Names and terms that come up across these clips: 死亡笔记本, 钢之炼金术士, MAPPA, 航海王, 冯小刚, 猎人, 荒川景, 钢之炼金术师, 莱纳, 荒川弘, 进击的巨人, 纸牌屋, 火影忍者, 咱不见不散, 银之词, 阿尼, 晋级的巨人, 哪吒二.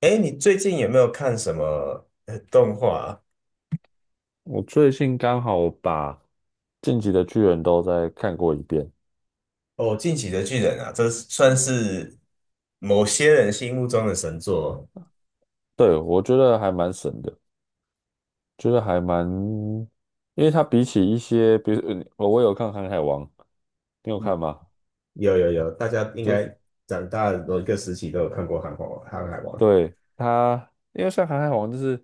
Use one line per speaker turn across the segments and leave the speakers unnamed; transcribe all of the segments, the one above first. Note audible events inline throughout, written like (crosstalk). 哎，你最近有没有看什么动画啊。
我最近刚好把《晋级的巨人》都再看过一遍，
哦，《进击的巨人》啊，这是算是某些人心目中的神作。
对，我觉得还蛮神的，觉得还蛮，因为它比起一些，比如我有看《航海王》，你有看
嗯，
吗？
有有有，大家应
就
该
是
长大的某一个时期都有看过《航海王》。
对它，因为像《航海王》，就是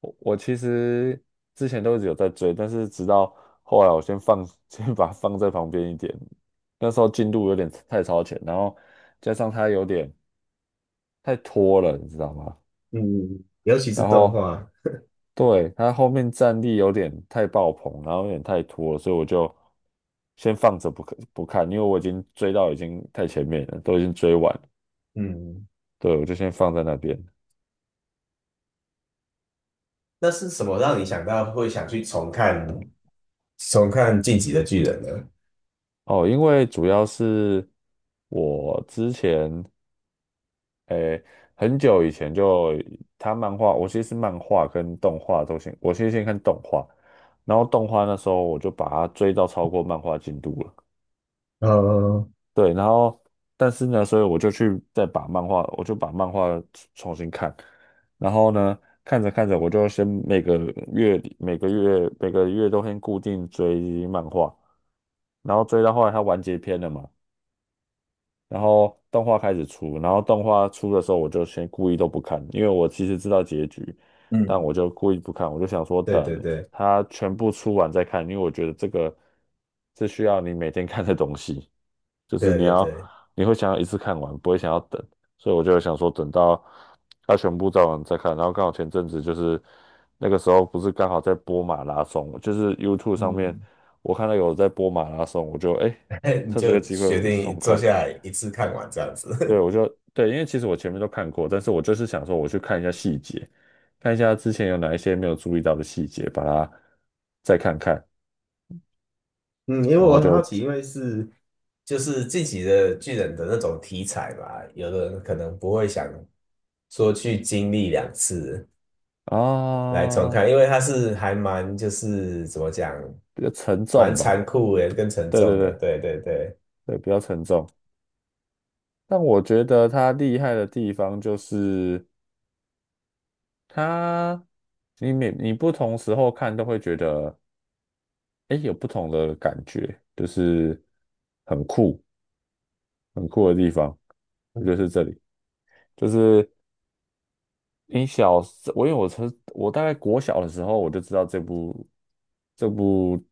我其实之前都一直有在追，但是直到后来我先放，(laughs) 先把它放在旁边一点，那时候进度有点太超前，然后加上它有点太拖了，你知道吗？
嗯，尤其是
然
动
后。
画。
对，他后面战力有点太爆棚，然后有点太拖了所以我就先放着不看不看，因为我已经追到已经太前面了，都已经追完了
嗯，
对，我就先放在那边。
那是什么让你想到会想去重看《进击的巨人》呢？
哦，因为主要是我之前诶、很久以前就他漫画，我其实是漫画跟动画都先，我先看动画，然后动画那时候我就把它追到超过漫画进度了。
呃，
对，然后但是呢，所以我就去再把漫画，我就把漫画重新看，然后呢，看着看着，我就先每个月里每个月每个月都先固定追漫画，然后追到后来它完结篇了嘛，然后动画开始出，然后动画出的时候，我就先故意都不看，因为我其实知道结局，但
嗯，
我就故意不看，我就想说
对
等
对对
它全部出完再看，因为我觉得这个是需要你每天看的东西。就是
对
你
对
要
对，
你会想要一次看完，不会想要等，所以我就想说等到它全部照完再看。然后刚好前阵子就是那个时候不是刚好在播马拉松，就是 YouTube 上面
嗯，
我看到有在播马拉松，我就
(laughs) 你
趁这个
就
机会
决
我去
定
重
坐
看。
下来一次看完这样
对，
子。
我就对，因为其实我前面都看过，但是我就是想说我去看一下细节，看一下之前有哪一些没有注意到的细节，把它再看看，
嗯，因为
然
我
后
很好
就
奇，因为是就是自己的巨人的那种题材嘛，有的人可能不会想说去经历两次来重
啊
看，因为它是还蛮就是怎么讲，
比较沉
蛮
重吧。
残酷的跟沉
对对
重的，
对。
对对对，
对，比较沉重。但我觉得它厉害的地方就是它，你每你不同时候看都会觉得，哎，有不同的感觉，就是很酷，很酷的地方，就是这里。就是你小时，我因为我从我大概国小的时候我就知道这部这部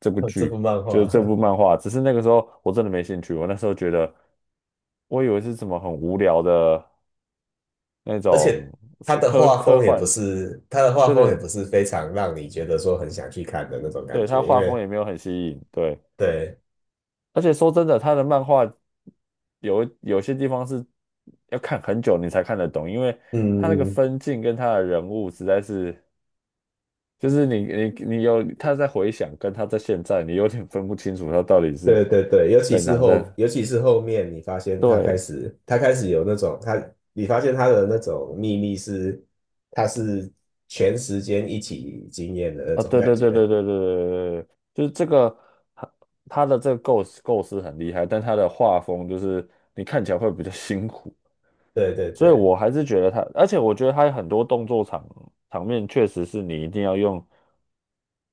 (laughs) 这部
剧，
漫
就是
画，
这部
(laughs)
漫画，只是那个时候我真的没兴趣，我那时候觉得，我以为是什么很无聊的。那
而
种
且它
是
的
科
画
科
风也不
幻，
是它的画
对
风也
对
不是非常让你觉得说很想去看的那种感
对，他
觉，因
画风
为
也没有很吸引，对，
对，
而且说真的，他的漫画有有些地方是要看很久你才看得懂，因为他那个
嗯。
分镜跟他的人物实在是，就是你有他在回想跟他在现在，你有点分不清楚他到底是
对对对，尤其
在
是
哪
后，
的，
尤其是后面，你发现他开
对，
始，他开始有那种他，你发现他的那种秘密是，他是全时间一起经验的那
啊，
种
对
感
对对对
觉。
对对对对，就是这个。他他的这个构思很厉害，但他的画风就是你看起来会比较辛苦。
对对
所以
对，
我还是觉得他，而且我觉得他很多动作场面确实是你一定要用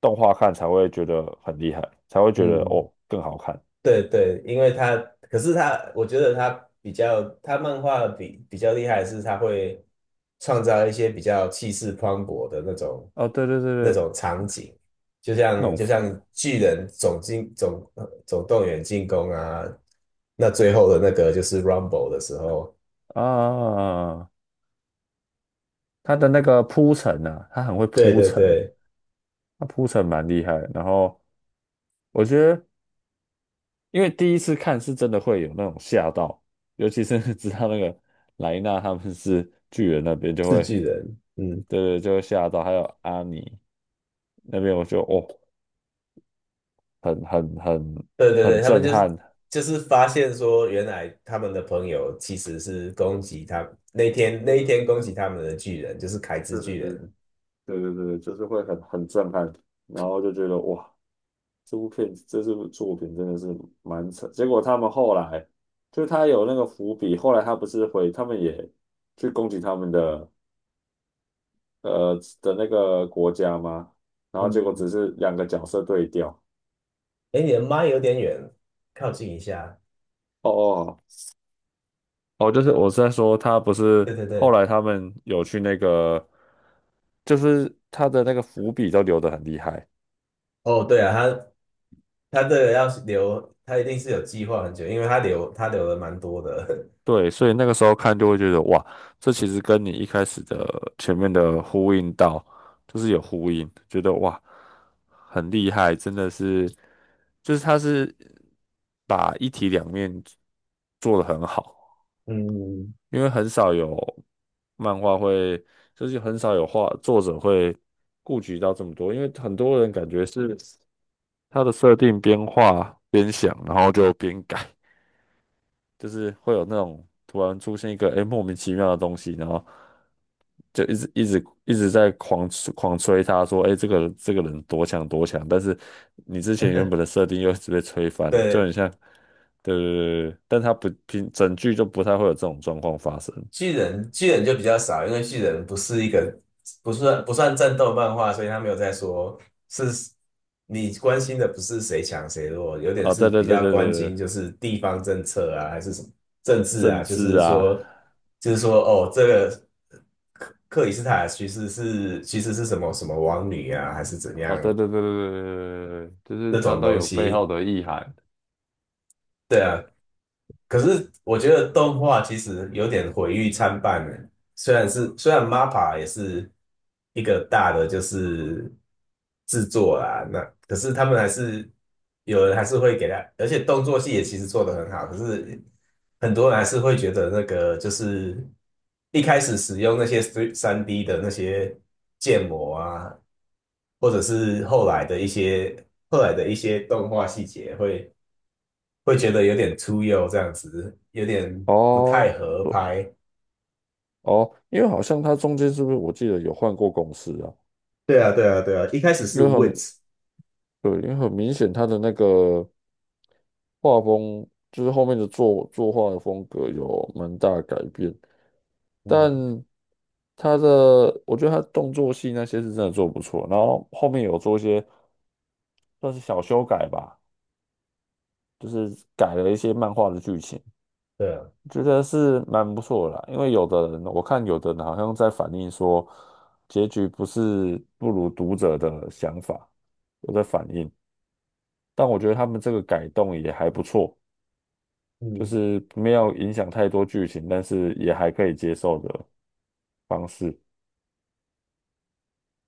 动画看才会觉得很厉害，才会觉得
嗯，
哦更好看
对对，因为他，可是他，我觉得他比较，他漫画比较厉害的是，他会创造一些比较气势磅礴的那种
哦，对对对
那
对，
种场景，就
那
像
种
就像巨人总动员进攻啊，那最后的那个就是 Rumble 的时候，
啊，他的那个铺陈啊，他很会
对
铺
对
陈，
对，
他铺陈蛮厉害的然后我觉得，因为第一次看是真的会有那种吓到，尤其是 (laughs) 知道那个莱纳他们是巨人那边就
是
会，
巨人，嗯。
对对，就会吓到，还有阿尼那边我就哦很很很
对对
很
对，他们
震
就是
撼。
就是发现说，原来他们的朋友其实是攻击他那天那
对
一
对
天攻
对，
击他们的巨人，就是凯之
对对
巨
对
人。
对对对对，就是会很很震撼，然后就觉得哇，这部片这部作品真的是蛮扯。结果他们后来就他有那个伏笔，后来他不是回他们也去攻击他们的呃的那个国家吗？然后结果
嗯，
只是两个角色对调。
哎，你的麦有点远，靠近一下。
哦哦，哦，就是我是在说，他不是
对对
后
对，
来他们有去那个，就是他的那个伏笔都留得很厉害。
哦对啊，他这个要是留，他一定是有计划很久，因为他留他留了蛮多的。
对，所以那个时候看就会觉得哇，这其实跟你一开始的前面的呼应到，就是有呼应，觉得哇，很厉害，真的是，就是他是把一体两面做的很好，
(laughs) 嗯，
因为很少有漫画会，就是很少有画作者会顾及到这么多，因为很多人感觉是他的设定边画边想，然后就边改。就是会有那种突然出现一个莫名其妙的东西，然后就一直一直一直在狂吹他说，这个人多强多强，但是你之前原本的设定又一直被吹翻了，就很
对。
像，对对对对，对但他不平整剧就不太会有这种状况发生
巨人巨人就比较少，因为巨人不是一个不算战斗漫画，所以他没有在说是你关心的不是谁强谁弱，有点
啊、
是
对对
比
对
较
对
关
对
心
对，
就是地方政策啊，还是什么政治啊，
政
就
治
是
啊，
说就是说哦，这个克里斯塔其实是其实是什么什么王女啊，还是怎
哦对
样
对对对对对对，对就是
那
他
种
都
东
有背后
西。
的意涵。
对啊，可是我觉得动画其实有点毁誉参半呢。虽然是虽然 MAPPA 也是一个大的就是制作啊，那可是他们还是有人还是会给他，而且动作戏也其实做得很好，可是很多人还是会觉得那个就是一开始使用那些3D 的那些建模啊，或者是后来的一些后来的一些动画细节会。会觉得有点突兀这样子，有点不太
哦
合拍。
哦，因为好像他中间是不是我记得有换过公司啊？
对啊，对啊，对啊，一开始
因
是
为他
w i t
们
h
对，因为很明显，他的那个画风，就是后面的作画的风格有蛮大的改变，
嗯，
但他的，我觉得他动作戏那些是真的做得不错，然后后面有做一些算是小修改吧，就是改了一些漫画的剧情，
对啊，
觉得是蛮不错的啦。因为有的人，我看有的人好像在反映说，结局不是不如读者的想法，有在反映，但我觉得他们这个改动也还不错。就
嗯，
是没有影响太多剧情，但是也还可以接受的方式。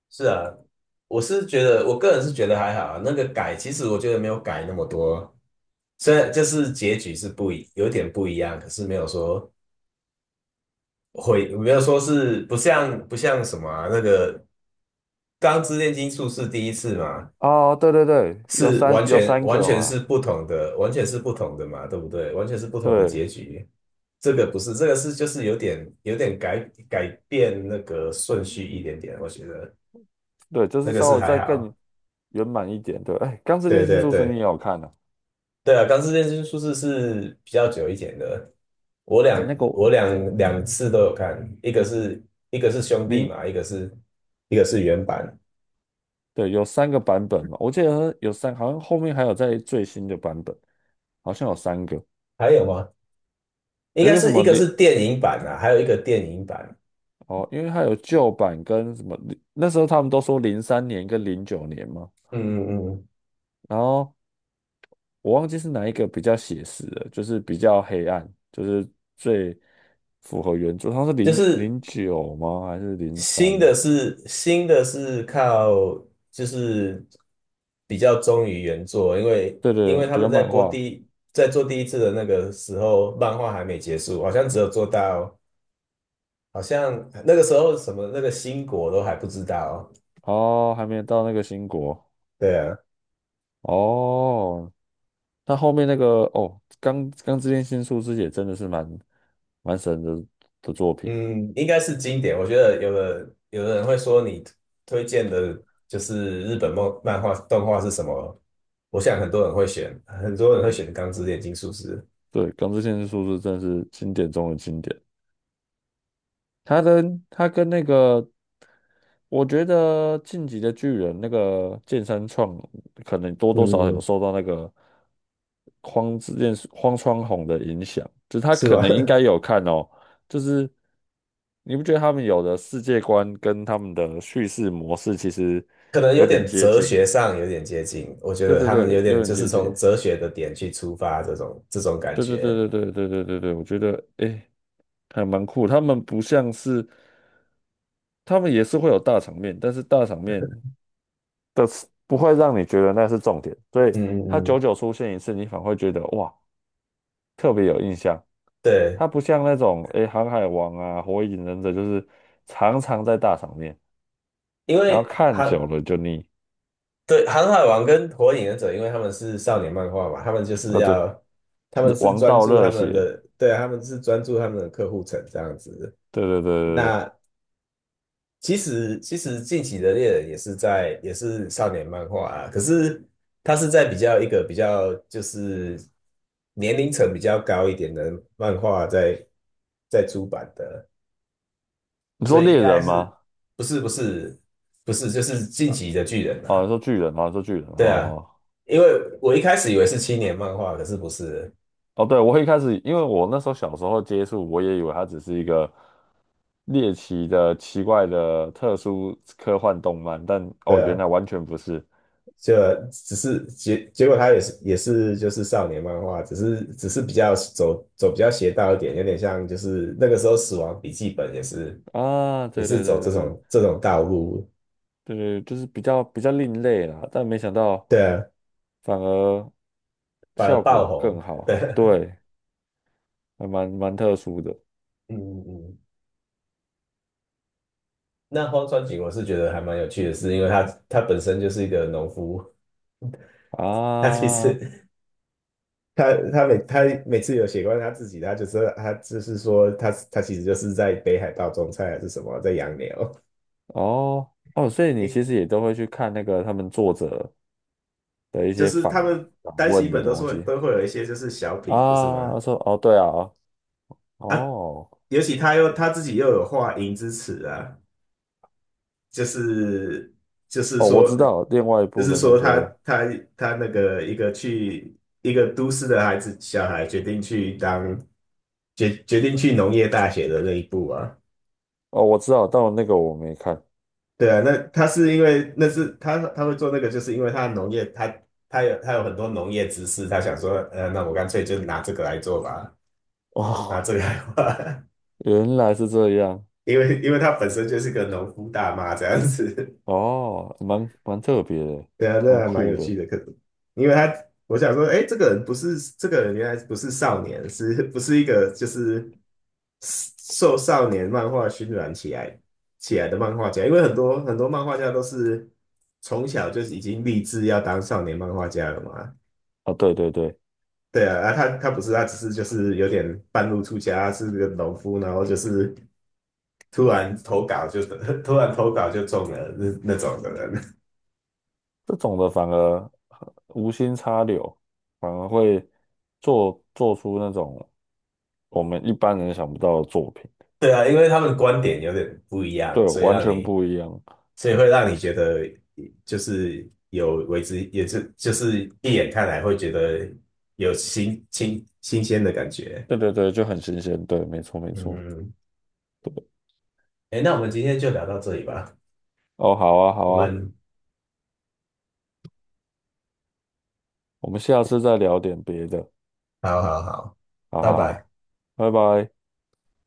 是啊，我是觉得，我个人是觉得还好啊。那个改，其实我觉得没有改那么多，虽然就是结局是不一，有点不一样，可是没有说会，没有说是不像什么啊，那个《钢之炼金术士》第一次嘛，
哦，对对对，有
是
三
完
有
全
三
完
个
全
嘛，
是不同的，完全是不同的嘛，对不对？完全是不同的
对
结局。这个不是，这个是就是有点改改变那个顺序一点点，我觉得
对，就
那
是
个
稍
是
微
还
再更
好。
圆满一点。对，哎，《钢之
对
炼金
对
术师》你也
对
有看啊？
对啊，钢之炼金术士是比较久一点的，我两
那那个
我
我
两次都有看，一个是一个是兄弟
零，
嘛，一个是一个是原版，
对，有三个版本嘛，我记得有三，好像后面还有在最新的版本，好像有三个，
还有吗？应
有一
该
个什
是一
么
个
零，
是电影版啊，还有一个电影版。
哦，因为它有旧版跟什么零，那时候他们都说零三年跟零九年嘛。
嗯嗯嗯，
然后我忘记是哪一个比较写实的，就是比较黑暗，就是最符合原著。它是
就
零
是
零九吗？还是零三
新的
呢？
是新的是靠就是比较忠于原作，因为
对
因
对，
为他
比
们
较
在
漫
播第
画。
一在做第一次的那个时候，漫画还没结束，好像只有做到好像那个时候什么那个新国都还不知道。
哦，还没有到那个新国。
对啊，
哦，那后面那个哦，钢之炼金术师也真的是蛮神的作品。
嗯，应该是经典。我觉得有的人会说你推荐的就是日本漫画动画是什么？我想很多人会选，很多人会选《钢之炼金术师》。
对，钢之炼金术师真的是经典中的经典。他跟他跟那个我觉得《进击的巨人》那个剑山创可能多多少少有
嗯，
受到那个荒之剑荒川弘的影响，就是他
是
可
吧？
能应该
(laughs)
有看哦，就是你不觉得他们有的世界观跟他们的叙事模式其实
可能有
有点
点
接
哲
近？
学上有点接近，我觉
对
得
对
他们
对，
有
有
点
点
就是
接近。
从哲学的点去出发，这种这种感
对对
觉。
对对对对对对对，我觉得诶还蛮酷。他们不像是，他们也是会有大场面，但是大场面的是不会让你觉得那是重点，所以
嗯
它
嗯
久
嗯，
久出现一次，你反而会觉得哇特别有印象。
对，
它不像那种诶《航海王》啊《火影忍者》，就是常常在大场面，
因
然后
为
看久
航
了就腻。
对航海王跟火影忍者，因为他们是少年漫画嘛，他们就是
呃，对，
要他们是
王
专
道
注他
热
们
血，
的，对啊，他们是专注他们的客户层这样子。
对对对对对。
那其实其实近期的猎人也是在也是少年漫画啊，可是它是在比较一个比较就是年龄层比较高一点的漫画在在出版的，
你
所
说
以应
猎
该
人
是
吗？
不是不是就是近期的巨人
哦，你
啊？
说巨人吗？你说巨人
对啊，
哦
因为我一开始以为是青年漫画，可是不是，
哦，对，我一开始因为我那时候小时候接触，我也以为它只是一个猎奇的、奇怪的、特殊科幻动漫，但
对。
哦，原
啊。
来完全不是。
就只是结果他也是也是就是少年漫画，只是只是比较走比较邪道一点，有点像就是那个时候《死亡笔记本》也是
啊，
也
对
是
对
走
对
这
对对
种这种道路，
对对，就是比较另类啦，但没想到
对啊，
反而
反而
效
爆
果
红，
更好，
对，
对，还蛮特殊的
(laughs) 嗯嗯嗯。那荒川景我是觉得还蛮有趣的是，因为他他本身就是一个农夫，他其
啊，
实他每次有写关于他自己，他就是他就是说他他其实就是在北海道种菜还是什么，在养牛。
哦哦，所以你其实也都会去看那个他们作者的一
就
些
是
访
他们
访
单
问
行
的
本都是
东
会
西
都会有一些就是小品，不是吗？
啊，说哦对啊，
啊，
哦
尤其他又他自己又有画银之词啊，就是就是
哦，我知
说
道另外一
就
部
是
的那
说他
个，
他他那个一个去一个都市的孩子小孩决定去当决定去农业大学的那一步啊。
哦我知道，但那个我没看，
对啊，那他是因为那是他他会做那个，就是因为他农业他他有他有很多农业知识，他想说，那我干脆就拿这个来做吧，拿
哦，
这个来画。
原来是这样，
因为因为他本身就是个农夫大妈这样子，
哦，蛮特别的，
(laughs) 对啊，那
蛮
还蛮
酷
有
的。
趣的。可因为他我想说，哎，这个人不是这个人，原来不是少年，是不是一个就是受少年漫画熏染起来的漫画家？因为很多很多漫画家都是从小就是已经立志要当少年漫画家了嘛。
啊，对对对，
对啊，啊，他不是，他只是就是有点半路出家，是个农夫，然后就是突然投稿就 (laughs) 突然投稿就中了那那种的人。
这种的反而无心插柳，反而会做出那种我们一般人想不到的作品，
(laughs) 对啊，因为他们观点有点不一
对，
样，所以
完
让
全
你，
不一样。
所以会让你觉得就是有为之，也是就是一眼看来会觉得有新鲜的感觉。
对对对，就很新鲜。对，没错没错。
嗯，
对，
哎，那我们今天就聊到这里吧。
哦，好啊好
我
啊，
们
我们下次再聊点别的。
好好好，
好
拜
好
拜。
好，拜拜。